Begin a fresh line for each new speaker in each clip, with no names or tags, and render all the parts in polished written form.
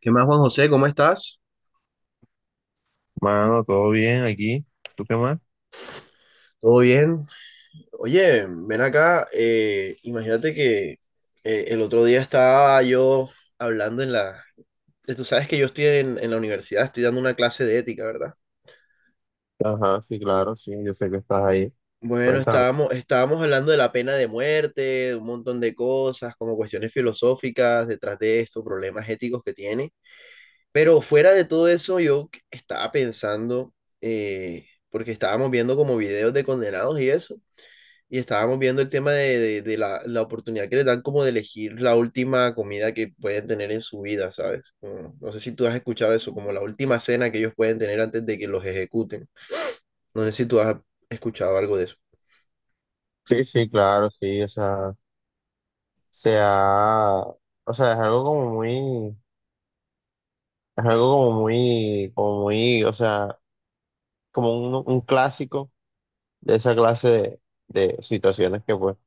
¿Qué más, Juan José? ¿Cómo estás?
Mano, todo bien aquí. ¿Tú qué más?
¿Todo bien? Oye, ven acá. Imagínate que el otro día estaba yo hablando en la... Tú sabes que yo estoy en la universidad, estoy dando una clase de ética, ¿verdad?
Ajá, sí, claro, sí, yo sé que estás ahí.
Bueno,
Cuéntame.
estábamos hablando de la pena de muerte, de un montón de cosas, como cuestiones filosóficas detrás de esto, problemas éticos que tiene. Pero fuera de todo eso, yo estaba pensando, porque estábamos viendo como videos de condenados y eso. Y estábamos viendo el tema de la oportunidad que les dan como de elegir la última comida que pueden tener en su vida, ¿sabes? No sé si tú has escuchado eso, como la última cena que ellos pueden tener antes de que los ejecuten. No sé si tú has escuchado algo de eso.
Sí, sí, claro, sí, o sea, se ha- o sea, es algo como muy, es algo como muy, o sea, como un clásico de esa clase de situaciones que pues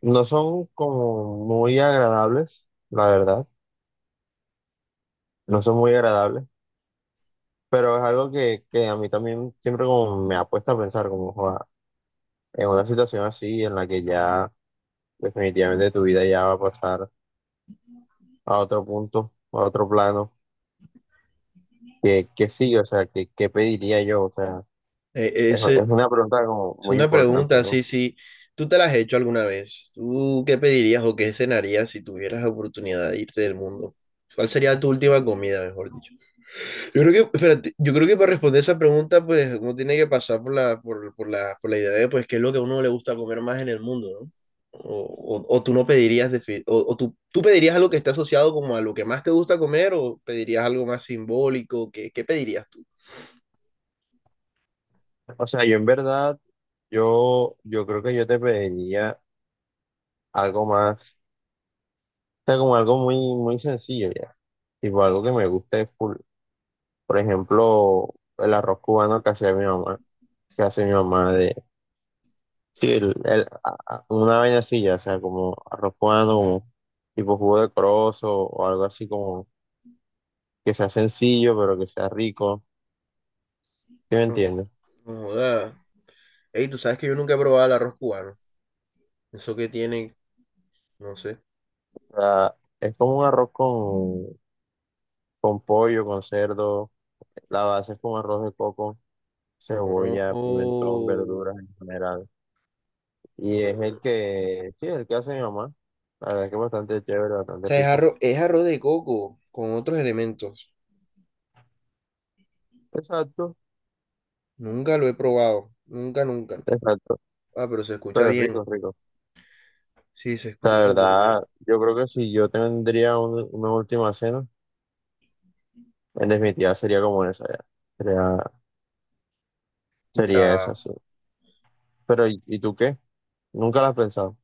no son como muy agradables, la verdad, no son muy agradables, pero es algo que a mí también siempre como me ha puesto a pensar como joda, en una situación así en la que ya definitivamente tu vida ya va a pasar a otro punto, a otro plano, que sí, o sea, que pediría yo, o sea,
Eh, eh,
es,
ese-
es una pregunta como
es
muy
una
importante,
pregunta,
¿no?
sí, sí. ¿Tú te la has hecho alguna vez? ¿Tú qué pedirías o qué cenarías si tuvieras la oportunidad de irte del mundo? ¿Cuál sería tu última comida, mejor dicho? Yo creo que, espérate, yo creo que para responder esa pregunta, pues uno tiene que pasar por por la idea de, pues, qué es lo que a uno le gusta comer más en el mundo, ¿no? O tú no pedirías, o tú pedirías algo que esté asociado como a lo que más te gusta comer, o pedirías algo más simbólico, ¿qué, qué pedirías tú?
O sea, yo en verdad, yo creo que yo te pediría algo más, o sea, como algo muy, muy sencillo ya, tipo algo que me guste full. Por ejemplo, el arroz cubano que hacía mi mamá, que hace mi mamá de, sí, una vaina así ya, o sea, como arroz cubano, como tipo jugo de corozo o algo así como que sea sencillo, pero que sea rico. ¿Sí me
No,
entiendes?
no joda. Ey, tú sabes que yo nunca he probado el arroz cubano. Eso que tiene, no sé.
O sea, es como un arroz con pollo, con cerdo. La base es con arroz de coco,
No,
cebolla, pimentón,
oh,
verduras en general. Y
no.
es el
O
que, sí, el que hace mi mamá. La verdad es que es bastante chévere, bastante
sea,
rico.
es arroz de coco con otros elementos.
Exacto,
Nunca lo he probado. Nunca, nunca.
exacto.
Ah, pero se escucha
Pero es rico,
bien.
es rico.
Sí, se
La
escucha súper bien.
verdad, yo creo que si yo tendría una última cena, en definitiva sería como esa ya. Sería, sería esa,
Ya.
sí. Pero, y tú qué? ¿Nunca la has pensado?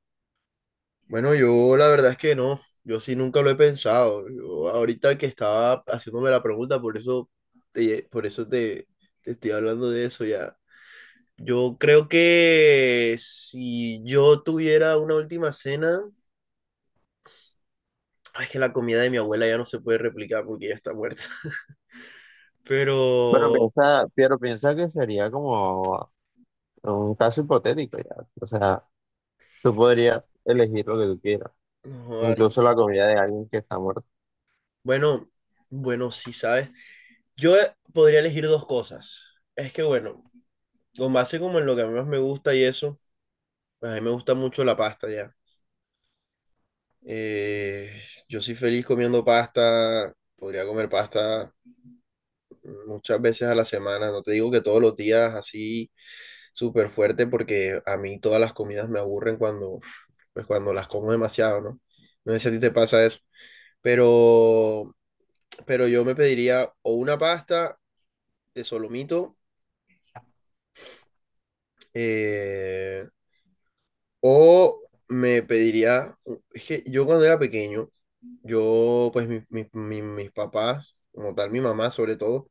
Bueno, yo la verdad es que no. Yo sí nunca lo he pensado. Yo ahorita que estaba haciéndome la pregunta, por eso te, por eso te, te estoy hablando de eso ya. Yo creo que si yo tuviera una última cena, ay, es que la comida de mi abuela ya no se puede replicar porque ya está muerta. Pero,
Pero piensa que sería como un caso hipotético ya. O sea, tú podrías elegir lo que tú quieras,
no, ay,
incluso la comida de alguien que está muerto.
bueno, bueno, sí, ¿sabes? Yo podría elegir dos cosas. Es que bueno, con base como en lo que a mí más me gusta y eso, pues a mí me gusta mucho la pasta ya. Eh, yo soy feliz comiendo pasta, podría comer pasta muchas veces a la semana, no te digo que todos los días así súper fuerte porque a mí todas las comidas me aburren cuando, pues cuando las como demasiado, ¿no? No sé si a ti te pasa eso, pero, pero yo me pediría o una pasta de solomito, eh, o me pediría, es que yo cuando era pequeño, yo, pues mis papás, como tal mi mamá sobre todo,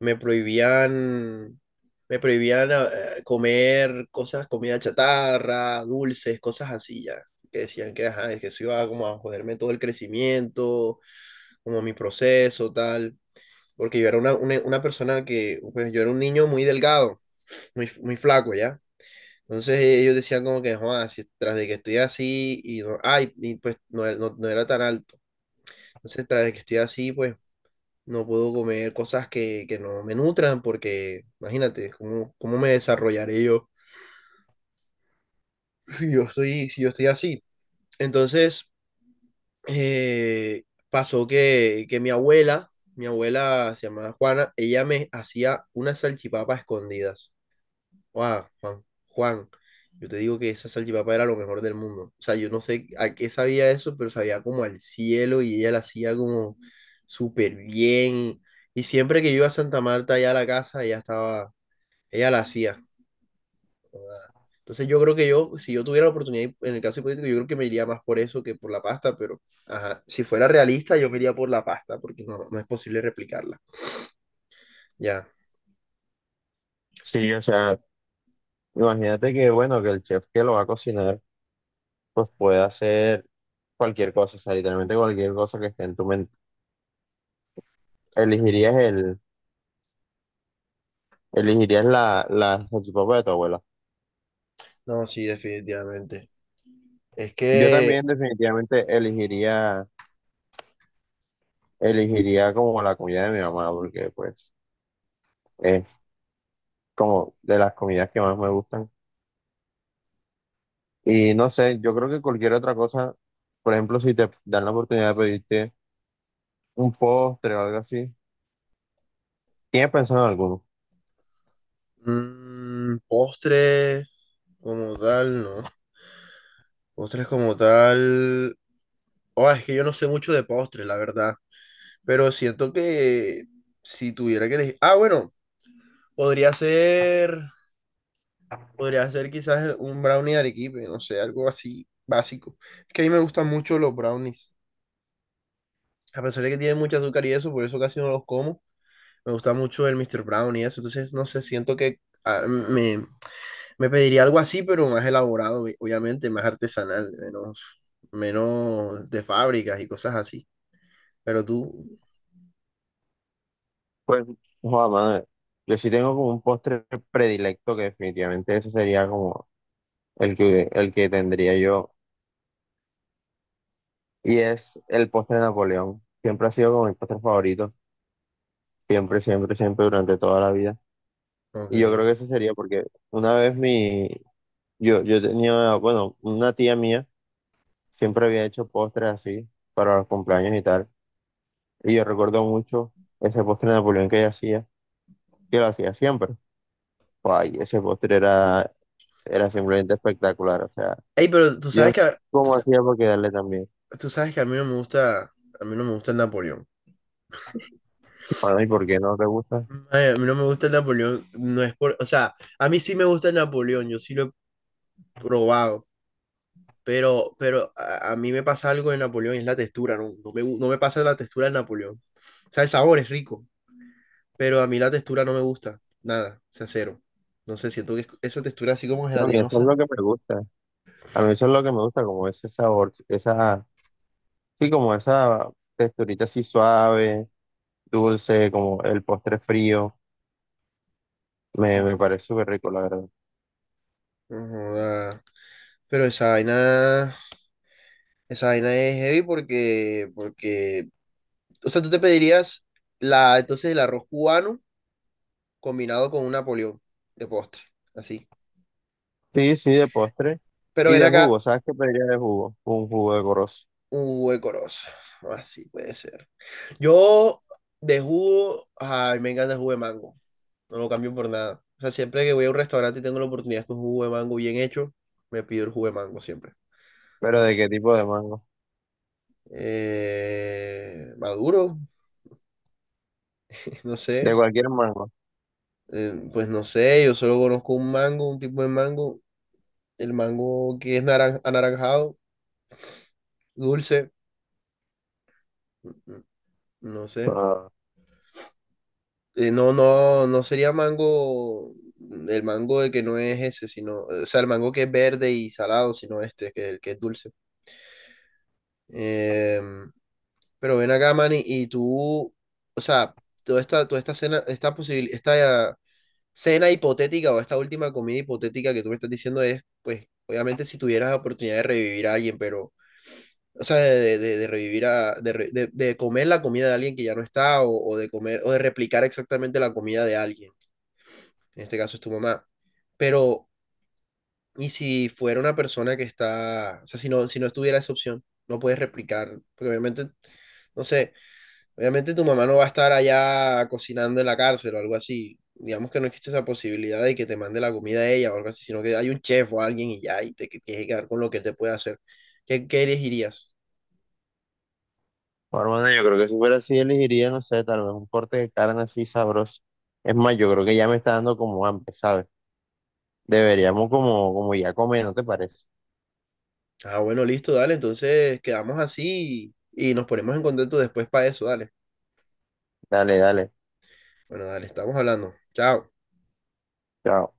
me prohibían, me prohibían comer cosas, comida chatarra, dulces, cosas así ya. Que decían que, ajá, es que eso iba como a joderme todo el crecimiento, como mi proceso, tal. Porque yo era una persona que, pues yo era un niño muy delgado, muy, muy flaco, ¿ya? Entonces ellos decían como que, Juan, si tras de que estoy así y no, ay, y pues no, no era tan alto. Entonces tras de que estoy así, pues no puedo comer cosas que no me nutran porque imagínate, ¿cómo, cómo me desarrollaré yo si yo soy, si yo estoy así? Entonces eh, pasó que mi abuela se llamaba Juana, ella me hacía unas salchipapas escondidas. Guau, Juan, Juan, yo te digo que esa salchipapa era lo mejor del mundo. O sea, yo no sé a qué sabía eso, pero sabía como al cielo y ella la hacía como súper bien. Y siempre que yo iba a Santa Marta, allá a la casa, ella estaba, ella la hacía. Joda. Entonces yo creo que yo, si yo tuviera la oportunidad, en el caso hipotético, yo creo que me iría más por eso que por la pasta, pero ajá, si fuera realista, yo me iría por la pasta, porque no, no es posible replicarla. Ya,
Sí, o sea, imagínate que, bueno, que el chef que lo va a cocinar, pues puede hacer cualquier cosa, o sea, literalmente cualquier cosa que esté en tu mente. Elegirías el, elegirías la, la salchipapa de tu abuela.
no, sí, definitivamente. Es
Yo
que...
también definitivamente elegiría, elegiría como la comida de mi mamá, porque pues es como de las comidas que más me gustan. Y no sé, yo creo que cualquier otra cosa, por ejemplo, si te dan la oportunidad de pedirte un postre o algo así, ¿tienes pensado en alguno?
mm, postres. Como tal, no. Postres como tal. Oh, es que yo no sé mucho de postres, la verdad. Pero siento que si tuviera que elegir. Ah, bueno, podría ser. Podría ser quizás un brownie de arequipe, no sé, algo así básico. Es que a mí me gustan mucho los brownies. A pesar de que tienen mucho azúcar y eso, por eso casi no los como. Me gusta mucho el Mr. Brownie y eso. Entonces, no sé, siento que ah, me pediría algo así, pero más elaborado, obviamente, más artesanal, menos, menos de fábricas y cosas así. Pero tú,
Pues, joder, madre, yo sí tengo como un postre predilecto que definitivamente ese sería como el que tendría yo, y es el postre de Napoleón. Siempre ha sido como mi postre favorito, siempre, siempre, siempre, durante toda la vida. Y yo
ok.
creo que ese sería porque una vez mi, yo tenía, bueno, una tía mía siempre había hecho postres así para los cumpleaños y tal. Y yo recuerdo mucho ese postre de Napoleón que ella hacía, que lo hacía siempre. Ay, ese postre era, era simplemente espectacular. O sea,
Ey, pero tú
yo no
sabes que,
sé cómo hacía para quedarle también.
tú sabes que a mí no me gusta, a mí no me gusta el Napoleón.
Para mí, ¿por qué no te gusta?
Ay, a mí no me gusta el Napoleón, no es por, o sea, a mí sí me gusta el Napoleón, yo sí lo he probado, pero a mí me pasa algo de Napoleón, y es la textura, no, no me, no me pasa la textura del Napoleón. O sea, el sabor es rico, pero a mí la textura no me gusta, nada, o sea, cero. No sé, siento que esa textura así como
No, a mí eso es
gelatinosa.
lo que me gusta. A mí eso es lo que me gusta, como ese sabor, esa, sí, como esa texturita así suave, dulce, como el postre frío. Me parece súper rico, la verdad.
No joda. Pero esa vaina es heavy porque, porque, o sea, tú te pedirías la, entonces el arroz cubano combinado con un napoleón de postre, así.
Sí, sí, de postre.
Pero
Y
ven
de
acá,
jugo, ¿sabes qué pediría de jugo? Un jugo de corozo.
un huecoroso. Así puede ser. Yo de jugo, ay, me encanta el jugo de mango. No lo cambio por nada. O sea, siempre que voy a un restaurante y tengo la oportunidad con un jugo de mango bien hecho, me pido el jugo de mango siempre.
¿Pero
Sí.
de qué tipo de mango?
Maduro, no
De
sé.
cualquier mango.
Pues no sé, yo solo conozco un mango, un tipo de mango. El mango que es anaranjado, dulce. n- n- No sé.
Ah,
No, no, no sería mango, mm, el mango de que no es ese, sino, o sea, el mango que es verde y salado, sino este, que, el que es dulce. Em, pero ven acá, Manny, y tú, o sea, toda esta cena, esta cena hipotética o esta última comida hipotética que tú me estás diciendo es, pues, obviamente si tuvieras la oportunidad de revivir a alguien, pero, o sea, de revivir de comer la comida de alguien que ya no está o de comer, o de replicar exactamente la comida de alguien. En este caso es tu mamá. Pero, ¿y si fuera una persona que está, o sea, si no, si no estuviera esa opción, no puedes replicar, porque obviamente, no sé, obviamente tu mamá no va a estar allá cocinando en la cárcel o algo así. Digamos que no existe esa posibilidad de que te mande la comida a ella o algo así, sino que hay un chef o alguien y ya, y te tienes que quedar con lo que te puede hacer. ¿Qué, qué elegirías?
hermano, yo creo que si fuera así, elegiría, no sé, tal vez un corte de carne así sabroso. Es más, yo creo que ya me está dando como hambre, ¿sabes? Deberíamos como, como ya comer, ¿no te parece?
Ah, bueno, listo, dale, entonces quedamos así y nos ponemos en contacto después para eso, dale.
Dale, dale.
Bueno, dale, estamos hablando. Chao.
Chao.